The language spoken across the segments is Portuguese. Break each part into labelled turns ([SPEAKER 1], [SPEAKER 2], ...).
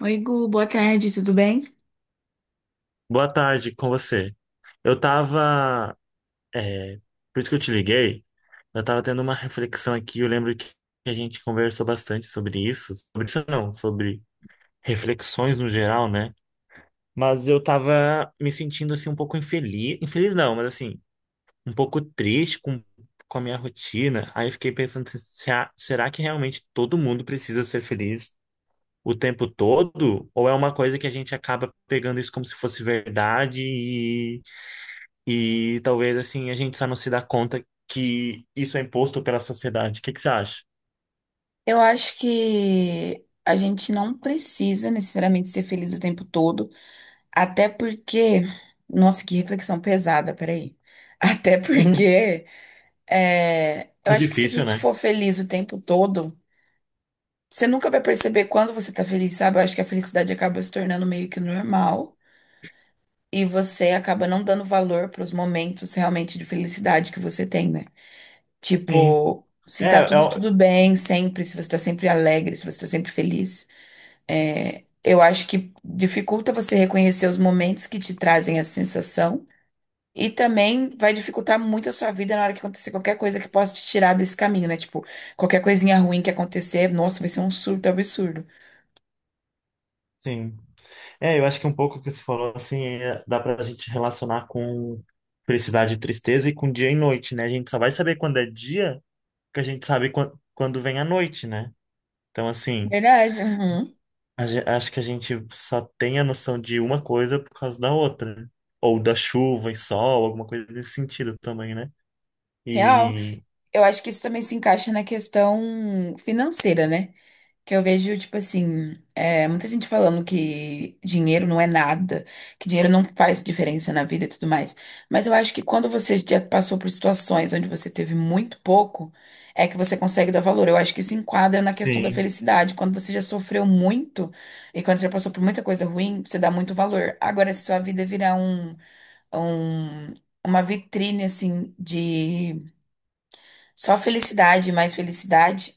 [SPEAKER 1] Oi, Gu, boa tarde, tudo bem?
[SPEAKER 2] Boa tarde com você. Eu tava, é, por isso que eu te liguei, eu tava tendo uma reflexão aqui, eu lembro que a gente conversou bastante sobre isso não, sobre reflexões no geral, né? Mas eu tava me sentindo assim um pouco infeliz, infeliz não, mas assim, um pouco triste com a minha rotina. Aí eu fiquei pensando assim, será que realmente todo mundo precisa ser feliz o tempo todo? Ou é uma coisa que a gente acaba pegando isso como se fosse verdade e talvez assim a gente só não se dá conta que isso é imposto pela sociedade. O que que você acha?
[SPEAKER 1] Eu acho que a gente não precisa necessariamente ser feliz o tempo todo, até porque. Nossa, que reflexão pesada, peraí. Até porque eu
[SPEAKER 2] É
[SPEAKER 1] acho que se a
[SPEAKER 2] difícil,
[SPEAKER 1] gente
[SPEAKER 2] né?
[SPEAKER 1] for feliz o tempo todo, você nunca vai perceber quando você tá feliz, sabe? Eu acho que a felicidade acaba se tornando meio que normal e você acaba não dando valor pros momentos realmente de felicidade que você tem, né?
[SPEAKER 2] Sim.
[SPEAKER 1] Tipo, se tá
[SPEAKER 2] É, é,
[SPEAKER 1] tudo
[SPEAKER 2] o-
[SPEAKER 1] tudo bem sempre, se você tá sempre alegre, se você tá sempre feliz, eu acho que dificulta você reconhecer os momentos que te trazem essa sensação e também vai dificultar muito a sua vida na hora que acontecer qualquer coisa que possa te tirar desse caminho, né? Tipo, qualquer coisinha ruim que acontecer, nossa, vai ser um surto absurdo.
[SPEAKER 2] sim. É, eu acho que um pouco o que você falou, assim, dá pra gente relacionar com felicidade e tristeza e com dia e noite, né? A gente só vai saber quando é dia que a gente sabe quando vem a noite, né? Então, assim,
[SPEAKER 1] Verdade, uhum.
[SPEAKER 2] acho que a gente só tem a noção de uma coisa por causa da outra, né? Ou da chuva e sol, alguma coisa desse sentido também, né?
[SPEAKER 1] Real.
[SPEAKER 2] e
[SPEAKER 1] Eu acho que isso também se encaixa na questão financeira, né? Que eu vejo, tipo assim, muita gente falando que dinheiro não é nada, que dinheiro não faz diferença na vida e tudo mais. Mas eu acho que quando você já passou por situações onde você teve muito pouco, é que você consegue dar valor. Eu acho que se enquadra na questão da
[SPEAKER 2] Sim,
[SPEAKER 1] felicidade. Quando você já sofreu muito e quando você já passou por muita coisa ruim, você dá muito valor. Agora, se sua vida virar um, uma vitrine, assim, de só felicidade, mais felicidade.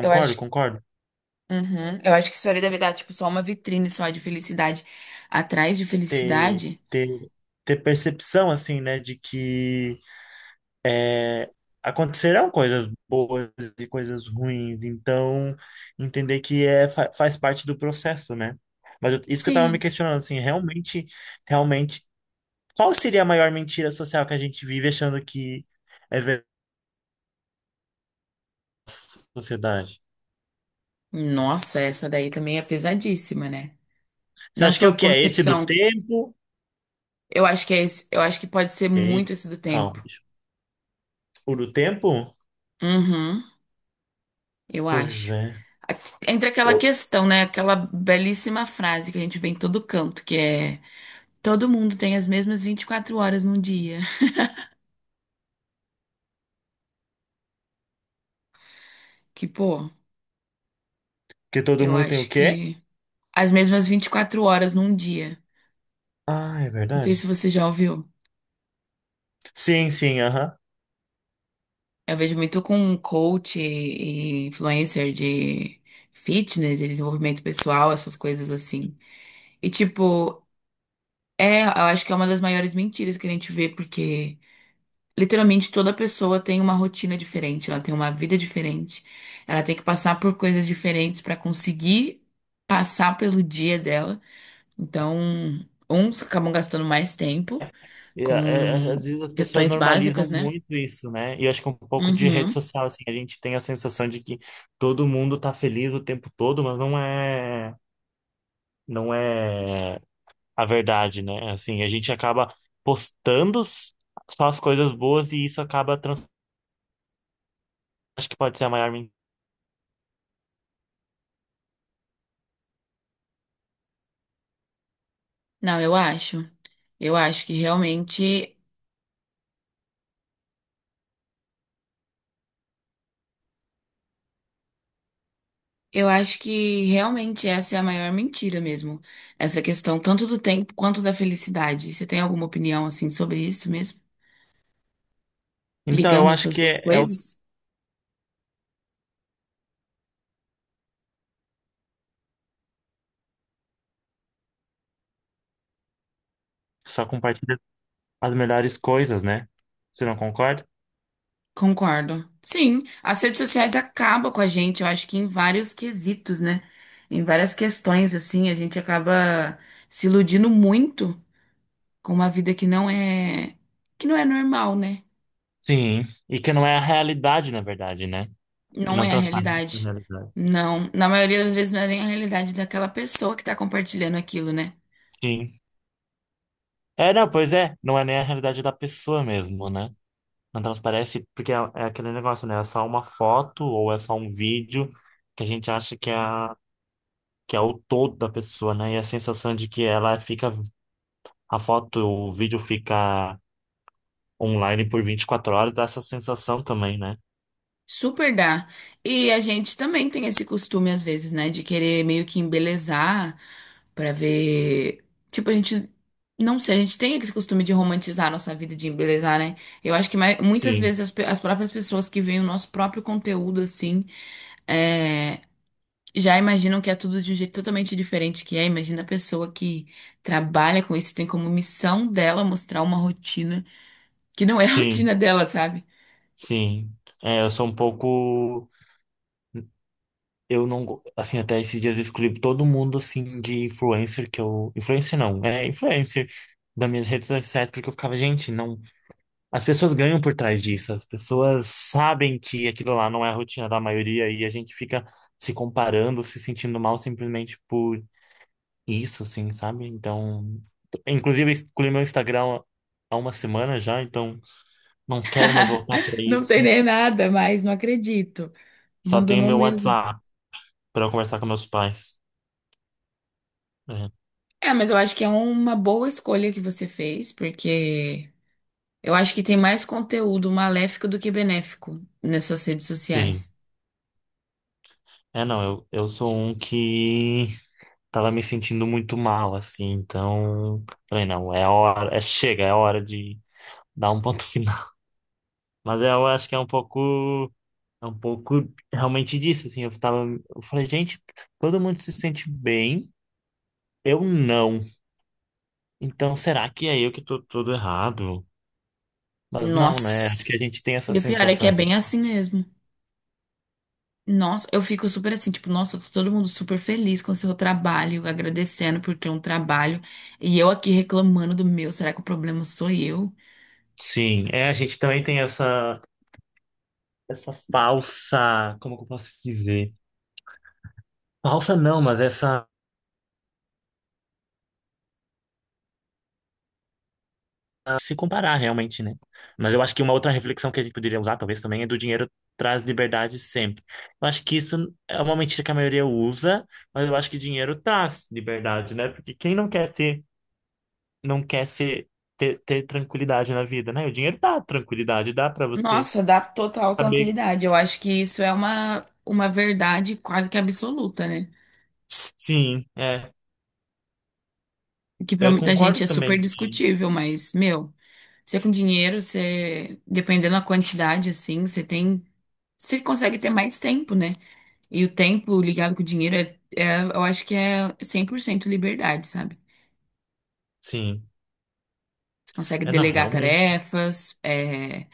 [SPEAKER 1] Eu acho
[SPEAKER 2] concordo.
[SPEAKER 1] Uhum. Eu acho que isso ali deve dar, tipo, só uma vitrine só de felicidade. Atrás de
[SPEAKER 2] Ter,
[SPEAKER 1] felicidade?
[SPEAKER 2] ter, ter percepção, assim, né, de que eh, acontecerão coisas boas e coisas ruins, então entender que faz parte do processo, né? Isso que eu tava me
[SPEAKER 1] Sim.
[SPEAKER 2] questionando, assim, realmente, qual seria a maior mentira social que a gente vive achando que é verdade na sociedade?
[SPEAKER 1] Nossa, essa daí também é pesadíssima, né?
[SPEAKER 2] Você
[SPEAKER 1] Na
[SPEAKER 2] acha que é o
[SPEAKER 1] sua
[SPEAKER 2] que é esse do
[SPEAKER 1] concepção,
[SPEAKER 2] tempo?
[SPEAKER 1] eu acho que é esse, eu acho que pode ser muito
[SPEAKER 2] Ei,
[SPEAKER 1] esse do
[SPEAKER 2] calma.
[SPEAKER 1] tempo.
[SPEAKER 2] O do tempo?
[SPEAKER 1] Uhum, eu
[SPEAKER 2] Pois
[SPEAKER 1] acho.
[SPEAKER 2] é.
[SPEAKER 1] A- Entre aquela
[SPEAKER 2] Eu,
[SPEAKER 1] questão, né? Aquela belíssima frase que a gente vê em todo canto, que é todo mundo tem as mesmas 24 horas num dia. Que, pô,
[SPEAKER 2] que todo
[SPEAKER 1] eu
[SPEAKER 2] mundo tem o
[SPEAKER 1] acho
[SPEAKER 2] quê?
[SPEAKER 1] que as mesmas 24 horas num dia.
[SPEAKER 2] Ah, é
[SPEAKER 1] Não sei
[SPEAKER 2] verdade.
[SPEAKER 1] se você já ouviu.
[SPEAKER 2] Sim, sim, aham.
[SPEAKER 1] Eu vejo muito com coach e influencer de fitness, e desenvolvimento pessoal, essas coisas assim. E tipo, eu acho que é uma das maiores mentiras que a gente vê, porque literalmente toda pessoa tem uma rotina diferente, ela tem uma vida diferente, ela tem que passar por coisas diferentes para conseguir passar pelo dia dela. Então, uns acabam gastando mais tempo
[SPEAKER 2] E,
[SPEAKER 1] com
[SPEAKER 2] às vezes as pessoas
[SPEAKER 1] questões
[SPEAKER 2] normalizam
[SPEAKER 1] básicas, né?
[SPEAKER 2] muito isso, né? E eu acho que um pouco de rede
[SPEAKER 1] Uhum.
[SPEAKER 2] social, assim, a gente tem a sensação de que todo mundo tá feliz o tempo todo, mas não é a verdade, né? Assim, a gente acaba postando só as coisas boas e isso acaba Acho que pode ser a maior mentira.
[SPEAKER 1] Não, eu acho. Eu acho que realmente, eu acho que realmente essa é a maior mentira mesmo. Essa questão tanto do tempo quanto da felicidade. Você tem alguma opinião assim sobre isso mesmo?
[SPEAKER 2] Então, eu
[SPEAKER 1] Ligando
[SPEAKER 2] acho
[SPEAKER 1] essas
[SPEAKER 2] que
[SPEAKER 1] duas coisas?
[SPEAKER 2] só compartilha as melhores coisas, né? Você não concorda?
[SPEAKER 1] Concordo. Sim, as redes sociais acabam com a gente, eu acho que em vários quesitos, né? Em várias questões assim, a gente acaba se iludindo muito com uma vida que não é normal, né?
[SPEAKER 2] Sim. E que não é a realidade, na verdade, né? Que
[SPEAKER 1] Não
[SPEAKER 2] não
[SPEAKER 1] é a
[SPEAKER 2] transparece a
[SPEAKER 1] realidade.
[SPEAKER 2] realidade.
[SPEAKER 1] Não. Na maioria das vezes não é nem a realidade daquela pessoa que tá compartilhando aquilo, né?
[SPEAKER 2] Sim. É, não, pois é. Não é nem a realidade da pessoa mesmo, né? Não transparece porque é aquele negócio, né? É só uma foto ou é só um vídeo que a gente acha que é o todo da pessoa, né? E a sensação de que ela fica. A foto, o vídeo fica online por 24 horas dá essa sensação também, né?
[SPEAKER 1] Super dá. E a gente também tem esse costume, às vezes, né? De querer meio que embelezar pra ver. Tipo, a gente. Não sei, a gente tem esse costume de romantizar a nossa vida, de embelezar, né? Eu acho que muitas vezes
[SPEAKER 2] Sim,
[SPEAKER 1] as próprias pessoas que veem o nosso próprio conteúdo, assim, é, já imaginam que é tudo de um jeito totalmente diferente que é. Imagina a pessoa que trabalha com isso, tem como missão dela mostrar uma rotina que não é a
[SPEAKER 2] sim,
[SPEAKER 1] rotina dela, sabe?
[SPEAKER 2] sim. É, eu sou um pouco. Eu não, assim, até esses dias eu excluí todo mundo, assim, de influencer que eu. Influencer não, é influencer das minhas redes sociais, porque eu ficava, gente, não. As pessoas ganham por trás disso, as pessoas sabem que aquilo lá não é a rotina da maioria e a gente fica se comparando, se sentindo mal simplesmente por isso, assim, sabe? Então, inclusive, eu excluí meu Instagram há uma semana já, então não quero mais voltar para
[SPEAKER 1] Não tem
[SPEAKER 2] isso.
[SPEAKER 1] nem nada, mas não acredito.
[SPEAKER 2] Só tenho
[SPEAKER 1] Abandonou
[SPEAKER 2] meu
[SPEAKER 1] mesmo.
[SPEAKER 2] WhatsApp para conversar com meus pais. É,
[SPEAKER 1] É, mas eu acho que é uma boa escolha que você fez, porque eu acho que tem mais conteúdo maléfico do que benéfico nessas redes
[SPEAKER 2] sim.
[SPEAKER 1] sociais.
[SPEAKER 2] É, não, eu sou um que tava me sentindo muito mal, assim, então falei, não, é a hora, é chega, é a hora de dar um ponto final. Mas eu acho que é um pouco, é um pouco realmente disso, assim, eu tava, eu falei, gente, todo mundo se sente bem, eu não. Então será que é eu que tô todo errado? Mas não, né? Acho
[SPEAKER 1] Nossa.
[SPEAKER 2] que a gente tem essa
[SPEAKER 1] E o pior é que
[SPEAKER 2] sensação
[SPEAKER 1] é
[SPEAKER 2] de,
[SPEAKER 1] bem assim mesmo. Nossa, eu fico super assim, tipo, nossa, tá todo mundo super feliz com o seu trabalho, agradecendo por ter um trabalho, e eu aqui reclamando do meu, será que o problema sou eu?
[SPEAKER 2] sim, a gente também tem essa falsa, como que eu posso dizer? Falsa não, mas essa se comparar realmente, né? Mas eu acho que uma outra reflexão que a gente poderia usar, talvez também, é do dinheiro traz liberdade sempre. Eu acho que isso é uma mentira que a maioria usa, mas eu acho que dinheiro traz liberdade, né? Porque quem não quer ter, não quer ser, ter tranquilidade na vida, né? O dinheiro dá tranquilidade, dá pra você
[SPEAKER 1] Nossa, dá total
[SPEAKER 2] saber.
[SPEAKER 1] tranquilidade. Eu acho que isso é uma verdade quase que absoluta, né?
[SPEAKER 2] Sim, é.
[SPEAKER 1] Que pra
[SPEAKER 2] Eu
[SPEAKER 1] muita
[SPEAKER 2] concordo
[SPEAKER 1] gente é super
[SPEAKER 2] também de.
[SPEAKER 1] discutível, mas, meu, você com dinheiro, você, dependendo da quantidade, assim, você consegue ter mais tempo, né? E o tempo ligado com o dinheiro eu acho que é 100% liberdade, sabe?
[SPEAKER 2] Sim.
[SPEAKER 1] Consegue
[SPEAKER 2] É, não,
[SPEAKER 1] delegar
[SPEAKER 2] realmente.
[SPEAKER 1] tarefas,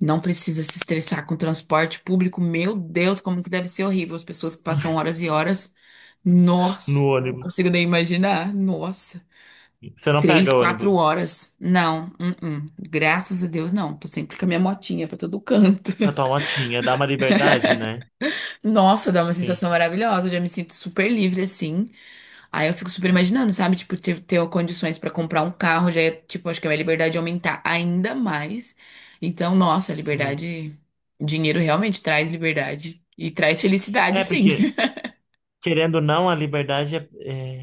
[SPEAKER 1] não precisa se estressar com transporte público. Meu Deus, como que deve ser horrível as pessoas que passam horas e horas.
[SPEAKER 2] No
[SPEAKER 1] Nossa, não
[SPEAKER 2] ônibus.
[SPEAKER 1] consigo nem imaginar. Nossa,
[SPEAKER 2] Você não
[SPEAKER 1] três,
[SPEAKER 2] pega
[SPEAKER 1] quatro
[SPEAKER 2] ônibus.
[SPEAKER 1] horas. Não, uh-uh. Graças a Deus, não. Tô sempre com a minha motinha pra todo canto.
[SPEAKER 2] A tua motinha dá uma liberdade, né?
[SPEAKER 1] Nossa, dá uma
[SPEAKER 2] Sim,
[SPEAKER 1] sensação maravilhosa. Eu já me sinto super livre assim. Aí eu fico super imaginando, sabe? Tipo, ter condições pra comprar um carro já é, tipo, acho que a minha liberdade ia aumentar ainda mais. Então, nossa,
[SPEAKER 2] sim.
[SPEAKER 1] liberdade, dinheiro realmente traz liberdade e traz felicidade,
[SPEAKER 2] É
[SPEAKER 1] sim.
[SPEAKER 2] porque querendo ou não, a liberdade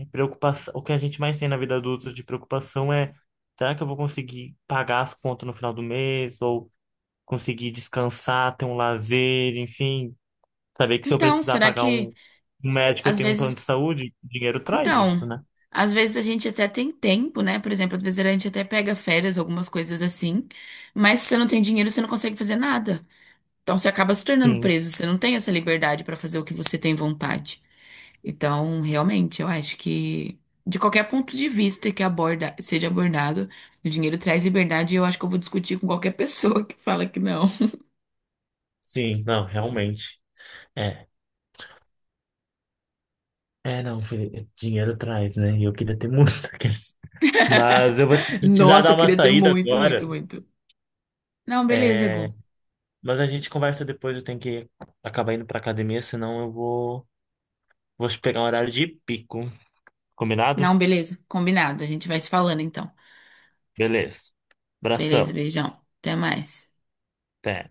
[SPEAKER 2] é preocupação. O que a gente mais tem na vida adulta de preocupação é: será que eu vou conseguir pagar as contas no final do mês? Ou conseguir descansar, ter um lazer, enfim. Saber que se eu
[SPEAKER 1] Então,
[SPEAKER 2] precisar
[SPEAKER 1] será
[SPEAKER 2] pagar
[SPEAKER 1] que
[SPEAKER 2] um médico, eu
[SPEAKER 1] às
[SPEAKER 2] tenho um plano de
[SPEAKER 1] vezes,
[SPEAKER 2] saúde, dinheiro traz
[SPEAKER 1] então,
[SPEAKER 2] isso, né?
[SPEAKER 1] às vezes a gente até tem tempo, né? Por exemplo, às vezes a gente até pega férias, algumas coisas assim, mas se você não tem dinheiro, você não consegue fazer nada. Então, você acaba se tornando
[SPEAKER 2] Sim,
[SPEAKER 1] preso, você não tem essa liberdade pra fazer o que você tem vontade. Então, realmente, eu acho que de qualquer ponto de vista seja abordado, o dinheiro traz liberdade e eu acho que eu vou discutir com qualquer pessoa que fala que não.
[SPEAKER 2] sim, não, realmente. É, não, Felipe, dinheiro traz, né? E eu queria ter muito daqueles. Mas eu vou precisar
[SPEAKER 1] Nossa,
[SPEAKER 2] dar
[SPEAKER 1] eu
[SPEAKER 2] uma
[SPEAKER 1] queria ter
[SPEAKER 2] saída
[SPEAKER 1] muito, muito,
[SPEAKER 2] agora.
[SPEAKER 1] muito. Não, beleza,
[SPEAKER 2] É,
[SPEAKER 1] Gu.
[SPEAKER 2] mas a gente conversa depois, eu tenho que acabar indo pra academia, senão eu vou, pegar um horário de pico. Combinado?
[SPEAKER 1] Não, beleza. Combinado. A gente vai se falando então.
[SPEAKER 2] Beleza.
[SPEAKER 1] Beleza,
[SPEAKER 2] Abração.
[SPEAKER 1] beijão. Até mais.
[SPEAKER 2] Até.